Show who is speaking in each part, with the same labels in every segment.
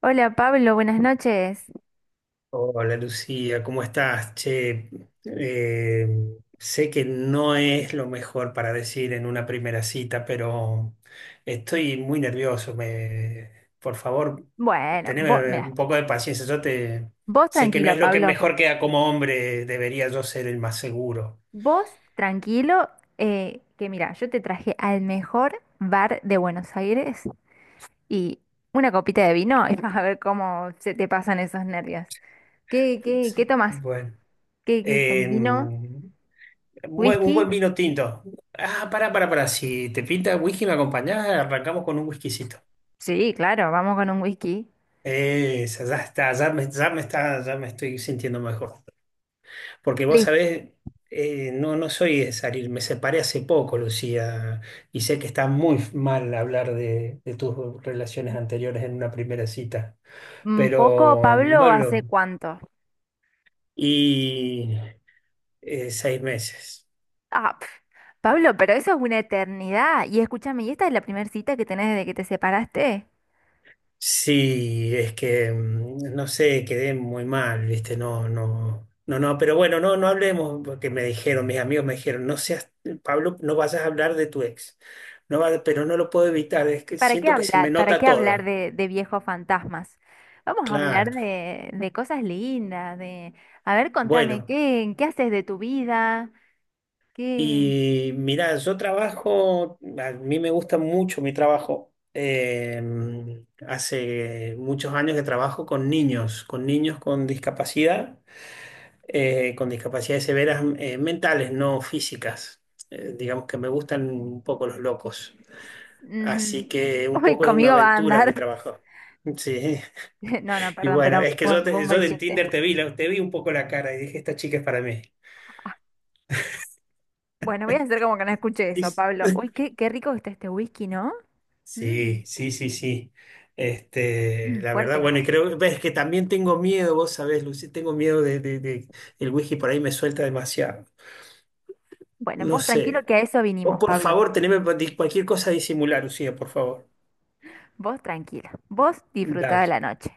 Speaker 1: Hola Pablo, buenas noches.
Speaker 2: Hola Lucía, ¿cómo estás? Che, eh, sé que no es lo mejor para decir en una primera cita, pero estoy muy nervioso. Por favor,
Speaker 1: Bueno, vos,
Speaker 2: teneme
Speaker 1: mira,
Speaker 2: un poco de paciencia. Yo te
Speaker 1: vos
Speaker 2: sé que no
Speaker 1: tranquilo,
Speaker 2: es lo que
Speaker 1: Pablo.
Speaker 2: mejor queda como hombre, debería yo ser el más seguro.
Speaker 1: Vos tranquilo, que mira, yo te traje al mejor bar de Buenos Aires y una copita de vino y vas a ver cómo se te pasan esos nervios. ¿ qué tomas?
Speaker 2: Bueno,
Speaker 1: ¿Qué, qué
Speaker 2: eh,
Speaker 1: tom- ¿vino?
Speaker 2: un
Speaker 1: ¿Whisky?
Speaker 2: buen vino tinto. Ah, para, para. Si te pinta whisky, me acompañás, arrancamos con un whiskycito.
Speaker 1: Sí, claro, vamos con un whisky.
Speaker 2: Esa, ya está, ya me estoy sintiendo mejor. Porque vos
Speaker 1: Listo.
Speaker 2: sabés, no, no soy de salir, me separé hace poco, Lucía, y sé que está muy mal hablar de tus relaciones anteriores en una primera cita,
Speaker 1: Un poco,
Speaker 2: pero
Speaker 1: Pablo,
Speaker 2: no
Speaker 1: ¿hace
Speaker 2: lo...
Speaker 1: cuánto?
Speaker 2: Y 6 meses.
Speaker 1: Ah, pf, Pablo, pero eso es una eternidad. Y escúchame, ¿y esta es la primera cita que tenés desde que te separaste?
Speaker 2: Sí, es que no sé, quedé muy mal, ¿viste? No, no, no, no, pero bueno, no, no hablemos, porque me dijeron, mis amigos me dijeron, no seas, Pablo, no vayas a hablar de tu ex. No va- pero no lo puedo evitar, es que
Speaker 1: ¿Para qué
Speaker 2: siento que se me
Speaker 1: hablar? ¿Para
Speaker 2: nota
Speaker 1: qué
Speaker 2: todo.
Speaker 1: hablar de, viejos fantasmas? Vamos a hablar
Speaker 2: Claro.
Speaker 1: de, cosas lindas, de... A ver, contame,
Speaker 2: Bueno,
Speaker 1: ¿qué haces de tu vida? ¿Qué...?
Speaker 2: y mirá, yo trabajo, a mí me gusta mucho mi trabajo. Hace muchos años que trabajo con niños, con niños con discapacidad. Con discapacidades severas mentales, no físicas. Digamos que me gustan un poco los locos.
Speaker 1: Ujú.
Speaker 2: Así que un
Speaker 1: Uy,
Speaker 2: poco es una
Speaker 1: conmigo va a
Speaker 2: aventura mi
Speaker 1: andar.
Speaker 2: trabajo. Sí,
Speaker 1: No, no,
Speaker 2: y
Speaker 1: perdón,
Speaker 2: bueno,
Speaker 1: pero
Speaker 2: es que
Speaker 1: fue, un fue un mal
Speaker 2: yo en
Speaker 1: chiste.
Speaker 2: Tinder te vi, te vi un poco la cara y dije, esta chica es para mí.
Speaker 1: Bueno, voy a hacer como que no escuché
Speaker 2: Y
Speaker 1: eso,
Speaker 2: s-
Speaker 1: Pablo. Uy, qué, qué rico que está este whisky, ¿no? Mm,
Speaker 2: Sí, sí, sí, sí. Este, la verdad,
Speaker 1: fuerte.
Speaker 2: bueno, y creo, ves que también tengo miedo, vos sabés, Lucy, tengo miedo el whisky por ahí me suelta demasiado.
Speaker 1: Bueno,
Speaker 2: No
Speaker 1: vos tranquilo
Speaker 2: sé.
Speaker 1: que a eso
Speaker 2: Vos,
Speaker 1: vinimos,
Speaker 2: por
Speaker 1: Pablo.
Speaker 2: favor, cualquier cosa a disimular, Lucía, por favor.
Speaker 1: Vos tranquilo. Vos disfrutá de
Speaker 2: Dale,
Speaker 1: la noche.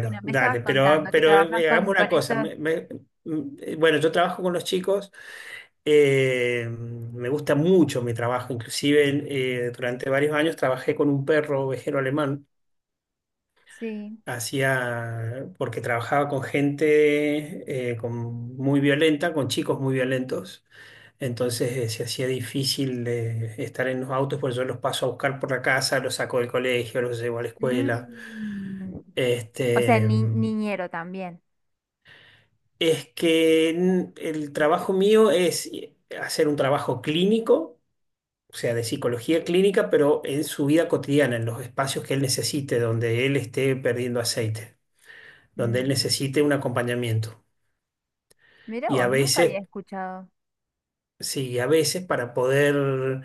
Speaker 1: Bueno, me estabas
Speaker 2: dale, pero,
Speaker 1: contando que
Speaker 2: pero
Speaker 1: trabajas
Speaker 2: eh, hagamos
Speaker 1: con,
Speaker 2: una
Speaker 1: esto.
Speaker 2: cosa. Bueno, yo trabajo con los chicos, me gusta mucho mi trabajo, inclusive durante varios años trabajé con un perro ovejero alemán,
Speaker 1: Sí.
Speaker 2: hacía, porque trabajaba con gente muy violenta, con chicos muy violentos, entonces se hacía difícil de estar en los autos, pues yo los paso a buscar por la casa, los saco del colegio, los llevo a la escuela.
Speaker 1: Mm. O sea,
Speaker 2: Este,
Speaker 1: ni- niñero también.
Speaker 2: es que n- el trabajo mío es hacer un trabajo clínico, o sea, de psicología clínica, pero en su vida cotidiana, en los espacios que él necesite, donde él esté perdiendo aceite, donde él
Speaker 1: Mm.
Speaker 2: necesite un acompañamiento.
Speaker 1: Mira
Speaker 2: Y a
Speaker 1: vos, nunca había
Speaker 2: veces,
Speaker 1: escuchado.
Speaker 2: sí, a veces para poder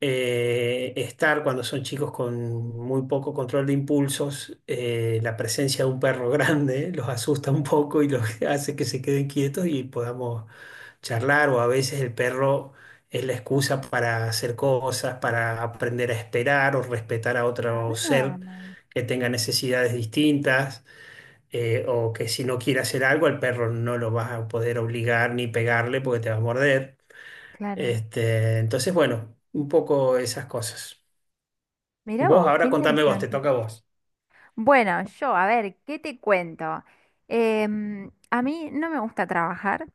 Speaker 2: estar cuando son chicos con muy poco control de impulsos, la presencia de un perro grande los asusta un poco y los hace que se queden quietos y podamos charlar o a veces el perro es la excusa para hacer cosas, para aprender a esperar o respetar a otro ser
Speaker 1: Ah,
Speaker 2: que tenga necesidades distintas. Eh, o que si no quiere hacer algo, al perro no lo vas a poder obligar ni pegarle porque te va a morder.
Speaker 1: claro.
Speaker 2: Este, entonces, bueno, un poco esas cosas.
Speaker 1: Mira
Speaker 2: Vos
Speaker 1: vos, qué
Speaker 2: ahora contame vos, te
Speaker 1: interesante.
Speaker 2: toca a vos.
Speaker 1: Bueno, yo, a ver, ¿qué te cuento? Em, a mí no me gusta trabajar.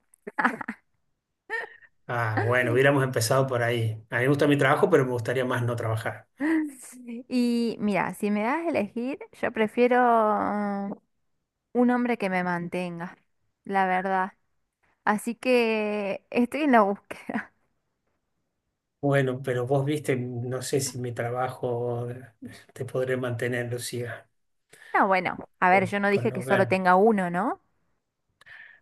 Speaker 2: Ah, bueno, hubiéramos empezado por ahí. A mí me gusta mi trabajo, pero me gustaría más no trabajar.
Speaker 1: Y mira, si me das a elegir, yo prefiero mm, un hombre que me mantenga, la verdad. Así que estoy en la búsqueda.
Speaker 2: Bueno, pero vos viste, no sé si mi trabajo te podré mantener, Lucía,
Speaker 1: No, bueno, a ver, yo no
Speaker 2: por
Speaker 1: dije que
Speaker 2: no
Speaker 1: solo
Speaker 2: ganar.
Speaker 1: tenga uno, ¿no?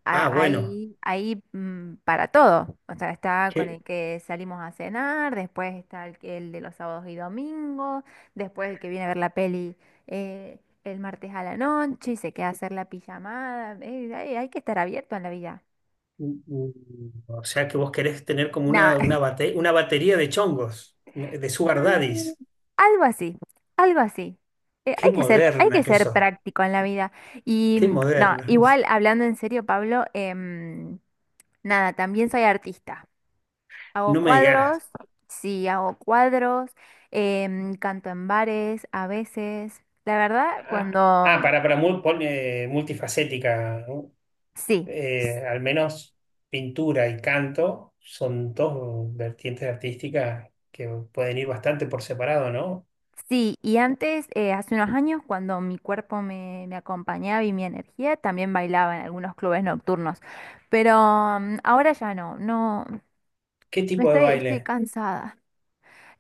Speaker 1: Ha-
Speaker 2: Ah, bueno,
Speaker 1: Hay para todo. O sea, está con
Speaker 2: que,
Speaker 1: el que salimos a cenar, después está el, que- el de los sábados y domingos, después el que viene a ver la peli eh, el martes a la noche y se queda a hacer la pijamada. Hay que estar abierto en la vida.
Speaker 2: o sea que vos querés tener como
Speaker 1: Nada,
Speaker 2: una batería de chongos, de sugar
Speaker 1: Mm,
Speaker 2: daddies.
Speaker 1: algo así, algo así.
Speaker 2: Qué
Speaker 1: Hay que ser, hay que
Speaker 2: moderna que
Speaker 1: ser
Speaker 2: sos,
Speaker 1: práctico en la vida. Y
Speaker 2: qué
Speaker 1: no,
Speaker 2: moderna.
Speaker 1: igual hablando en serio, Pablo, em, nada, también soy artista. Hago
Speaker 2: No me
Speaker 1: cuadros,
Speaker 2: digas.
Speaker 1: sí, hago cuadros, em, canto en bares a veces. La verdad,
Speaker 2: Ah,
Speaker 1: cuando...
Speaker 2: Multifacética, ¿no?
Speaker 1: Sí,
Speaker 2: Al menos pintura y canto son dos vertientes artísticas que pueden ir bastante por separado, ¿no?
Speaker 1: sí. Y antes, hace unos años, cuando mi cuerpo me, me acompañaba y mi energía, también bailaba en algunos clubes nocturnos. Pero ahora ya no, no,
Speaker 2: ¿Qué
Speaker 1: me
Speaker 2: tipo de
Speaker 1: estoy, estoy
Speaker 2: baile?
Speaker 1: cansada.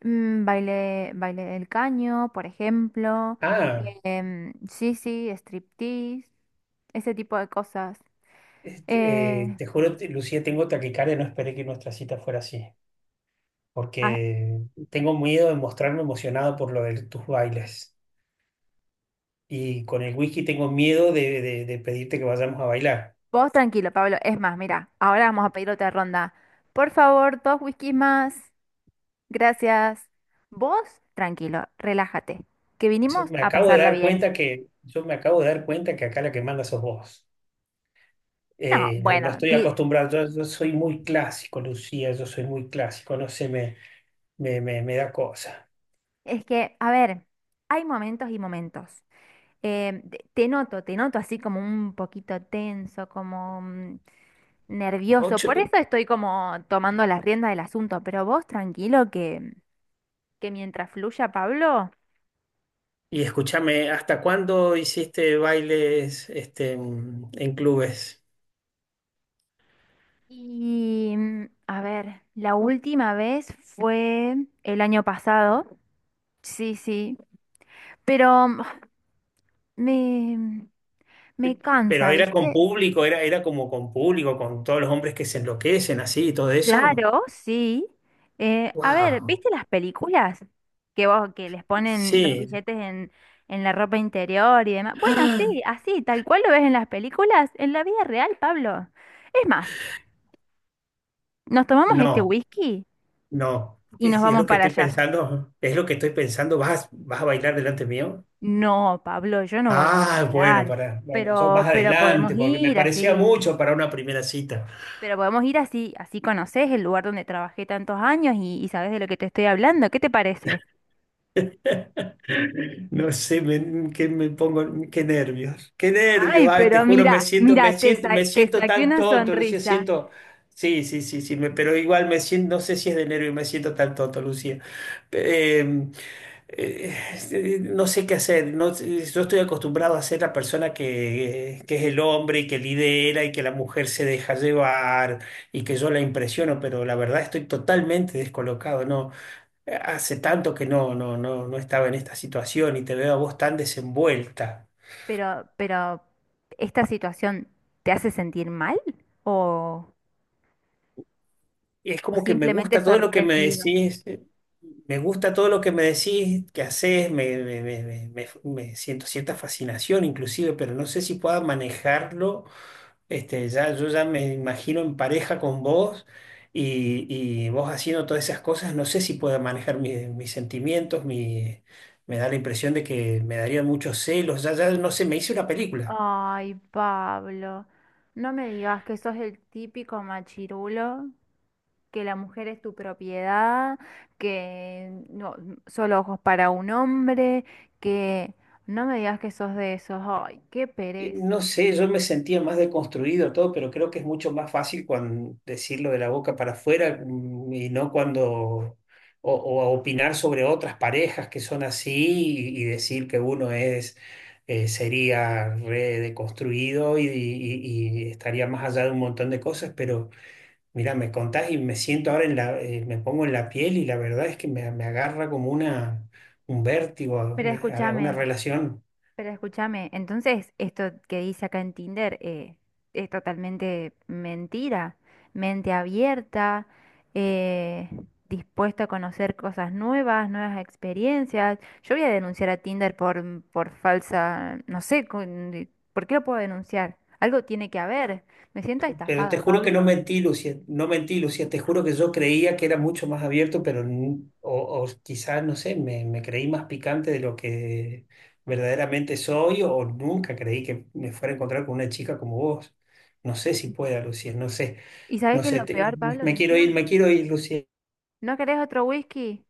Speaker 1: Mm, baile, baile del caño, por ejemplo.
Speaker 2: Ah,
Speaker 1: Em, sí, sí, striptease, ese tipo de cosas. Eh,
Speaker 2: Te juro, te- Lucía, tengo taquicardia, no esperé que nuestra cita fuera así,
Speaker 1: ah,
Speaker 2: porque tengo miedo de mostrarme emocionado por lo de tus bailes y con el whisky tengo miedo de pedirte que vayamos a bailar.
Speaker 1: vos tranquilo, Pablo. Es más, mira, ahora vamos a pedir otra ronda. Por favor, dos whiskies más. Gracias. Vos, tranquilo, relájate, que
Speaker 2: Yo
Speaker 1: vinimos
Speaker 2: me
Speaker 1: a
Speaker 2: acabo de
Speaker 1: pasarla
Speaker 2: dar
Speaker 1: bien.
Speaker 2: cuenta que, yo me acabo de dar cuenta que acá la que manda sos vos.
Speaker 1: No,
Speaker 2: Yo no
Speaker 1: bueno,
Speaker 2: estoy
Speaker 1: di-
Speaker 2: acostumbrado, yo soy muy clásico, Lucía, yo soy muy clásico, no sé, me da cosa.
Speaker 1: es que, a ver, hay momentos y momentos. Em, te noto, te noto así como un poquito tenso, como... nervioso. Por
Speaker 2: Ocho,
Speaker 1: eso estoy como tomando las riendas del asunto, pero vos tranquilo que mientras fluya, Pablo.
Speaker 2: y escúchame, ¿hasta cuándo hiciste bailes este, en clubes?
Speaker 1: Y a ver, la última vez fue el año pasado. Sí, sí, pero me, me
Speaker 2: Pero
Speaker 1: cansa,
Speaker 2: era con
Speaker 1: ¿viste?
Speaker 2: público, era, era como con público, con todos los hombres que se enloquecen así y todo eso.
Speaker 1: Claro, sí. A ver,
Speaker 2: ¡Wow!
Speaker 1: ¿viste las películas que vos que les ponen los
Speaker 2: Sí.
Speaker 1: billetes en la ropa interior y demás? Bueno, sí, así, tal cual lo ves en las películas, en la vida real, Pablo. Es más, nos tomamos este
Speaker 2: No.
Speaker 1: whisky
Speaker 2: No,
Speaker 1: y nos
Speaker 2: es
Speaker 1: vamos
Speaker 2: lo que
Speaker 1: para
Speaker 2: estoy
Speaker 1: allá.
Speaker 2: pensando, es lo que estoy pensando, ¿vas, vas a bailar delante mío?
Speaker 1: No, Pablo, yo no voy a
Speaker 2: Ah, bueno,
Speaker 1: bailar,
Speaker 2: para, bueno, yo más
Speaker 1: pero podemos
Speaker 2: adelante, porque me
Speaker 1: ir
Speaker 2: parecía
Speaker 1: así,
Speaker 2: mucho para una primera cita.
Speaker 1: pero podemos ir así, así conoces el lugar donde trabajé tantos años y sabes de lo que te estoy hablando. ¿Qué te parece?
Speaker 2: No sé, me, que me pongo, qué nervios,
Speaker 1: Ay,
Speaker 2: ay, te
Speaker 1: pero
Speaker 2: juro, me
Speaker 1: mira,
Speaker 2: siento,
Speaker 1: mira,
Speaker 2: me
Speaker 1: te,
Speaker 2: siento,
Speaker 1: sa-
Speaker 2: me
Speaker 1: te
Speaker 2: siento
Speaker 1: saqué
Speaker 2: tan
Speaker 1: una
Speaker 2: tonto, Lucía,
Speaker 1: sonrisa,
Speaker 2: siento, sí, sí, sí, sí, me, pero igual me siento, no sé si es de nervios, me siento tan tonto, Lucía. Eh, eh, no sé qué hacer. No, sé, yo estoy acostumbrado a ser la persona que es el hombre y que lidera y que la mujer se deja llevar y que yo la impresiono, pero la verdad estoy totalmente descolocado. No, hace tanto que no, no, no, no estaba en esta situación y te veo a vos tan desenvuelta.
Speaker 1: pero ¿esta situación te hace sentir mal o,
Speaker 2: Y es
Speaker 1: o
Speaker 2: como que me
Speaker 1: simplemente
Speaker 2: gusta todo lo que me
Speaker 1: sorprendido?
Speaker 2: decís. Me gusta todo lo que me decís, que haces, me siento cierta fascinación inclusive, pero no sé si pueda manejarlo. Este, ya, yo ya me imagino en pareja con vos y, y vos haciendo todas esas cosas. No sé si puedo manejar mi- mis sentimientos, mi, me da la impresión de que me darían muchos celos. Ya, ya no sé, me hice una película.
Speaker 1: Ay, Pablo, no me digas que sos el típico machirulo, que la mujer es tu propiedad, que no, solo ojos para un hombre, que no me digas que sos de esos. Ay, qué
Speaker 2: No
Speaker 1: pereza.
Speaker 2: sé, yo me sentía más deconstruido todo, pero creo que es mucho más fácil cuando decirlo de la boca para afuera y no cuando, o a opinar sobre otras parejas que son así y decir que uno es, sería re deconstruido y estaría más allá de un montón de cosas, pero mira, me contás y me siento ahora en la, me pongo en la piel y la verdad es que me, un vértigo,
Speaker 1: Pero
Speaker 2: una
Speaker 1: escúchame.
Speaker 2: relación.
Speaker 1: Pero escúchame, entonces esto que dice acá en Tinder es totalmente mentira. Mente abierta, eh, dispuesta a conocer cosas nuevas, nuevas experiencias. Yo voy a denunciar a Tinder por, por falsa, no sé, con- ¿por qué lo puedo denunciar? Algo tiene que haber. Me siento
Speaker 2: Pero te
Speaker 1: estafada,
Speaker 2: juro que no
Speaker 1: Pablo.
Speaker 2: mentí, Lucía, no mentí, Lucía, te juro que yo creía que era mucho más abierto, pero o quizás, no sé, me creí más picante de lo que verdaderamente soy o nunca creí que me fuera a encontrar con una chica como vos. No sé si pueda, Lucía, no sé,
Speaker 1: ¿Y sabes
Speaker 2: no
Speaker 1: qué es
Speaker 2: sé,
Speaker 1: lo
Speaker 2: te-
Speaker 1: peor,
Speaker 2: me,
Speaker 1: Pablo, que encima?
Speaker 2: me quiero ir, Lucía.
Speaker 1: ¿No querés otro whisky?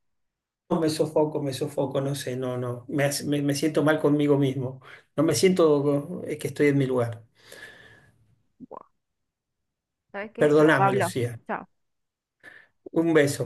Speaker 2: No, me sofoco, no sé, no, no, me, hace- me siento mal conmigo mismo, no me siento que estoy en mi lugar.
Speaker 1: Buah, ¿sabes qué? Chau,
Speaker 2: Perdóname,
Speaker 1: Pablo.
Speaker 2: Lucía.
Speaker 1: Chau.
Speaker 2: Un beso.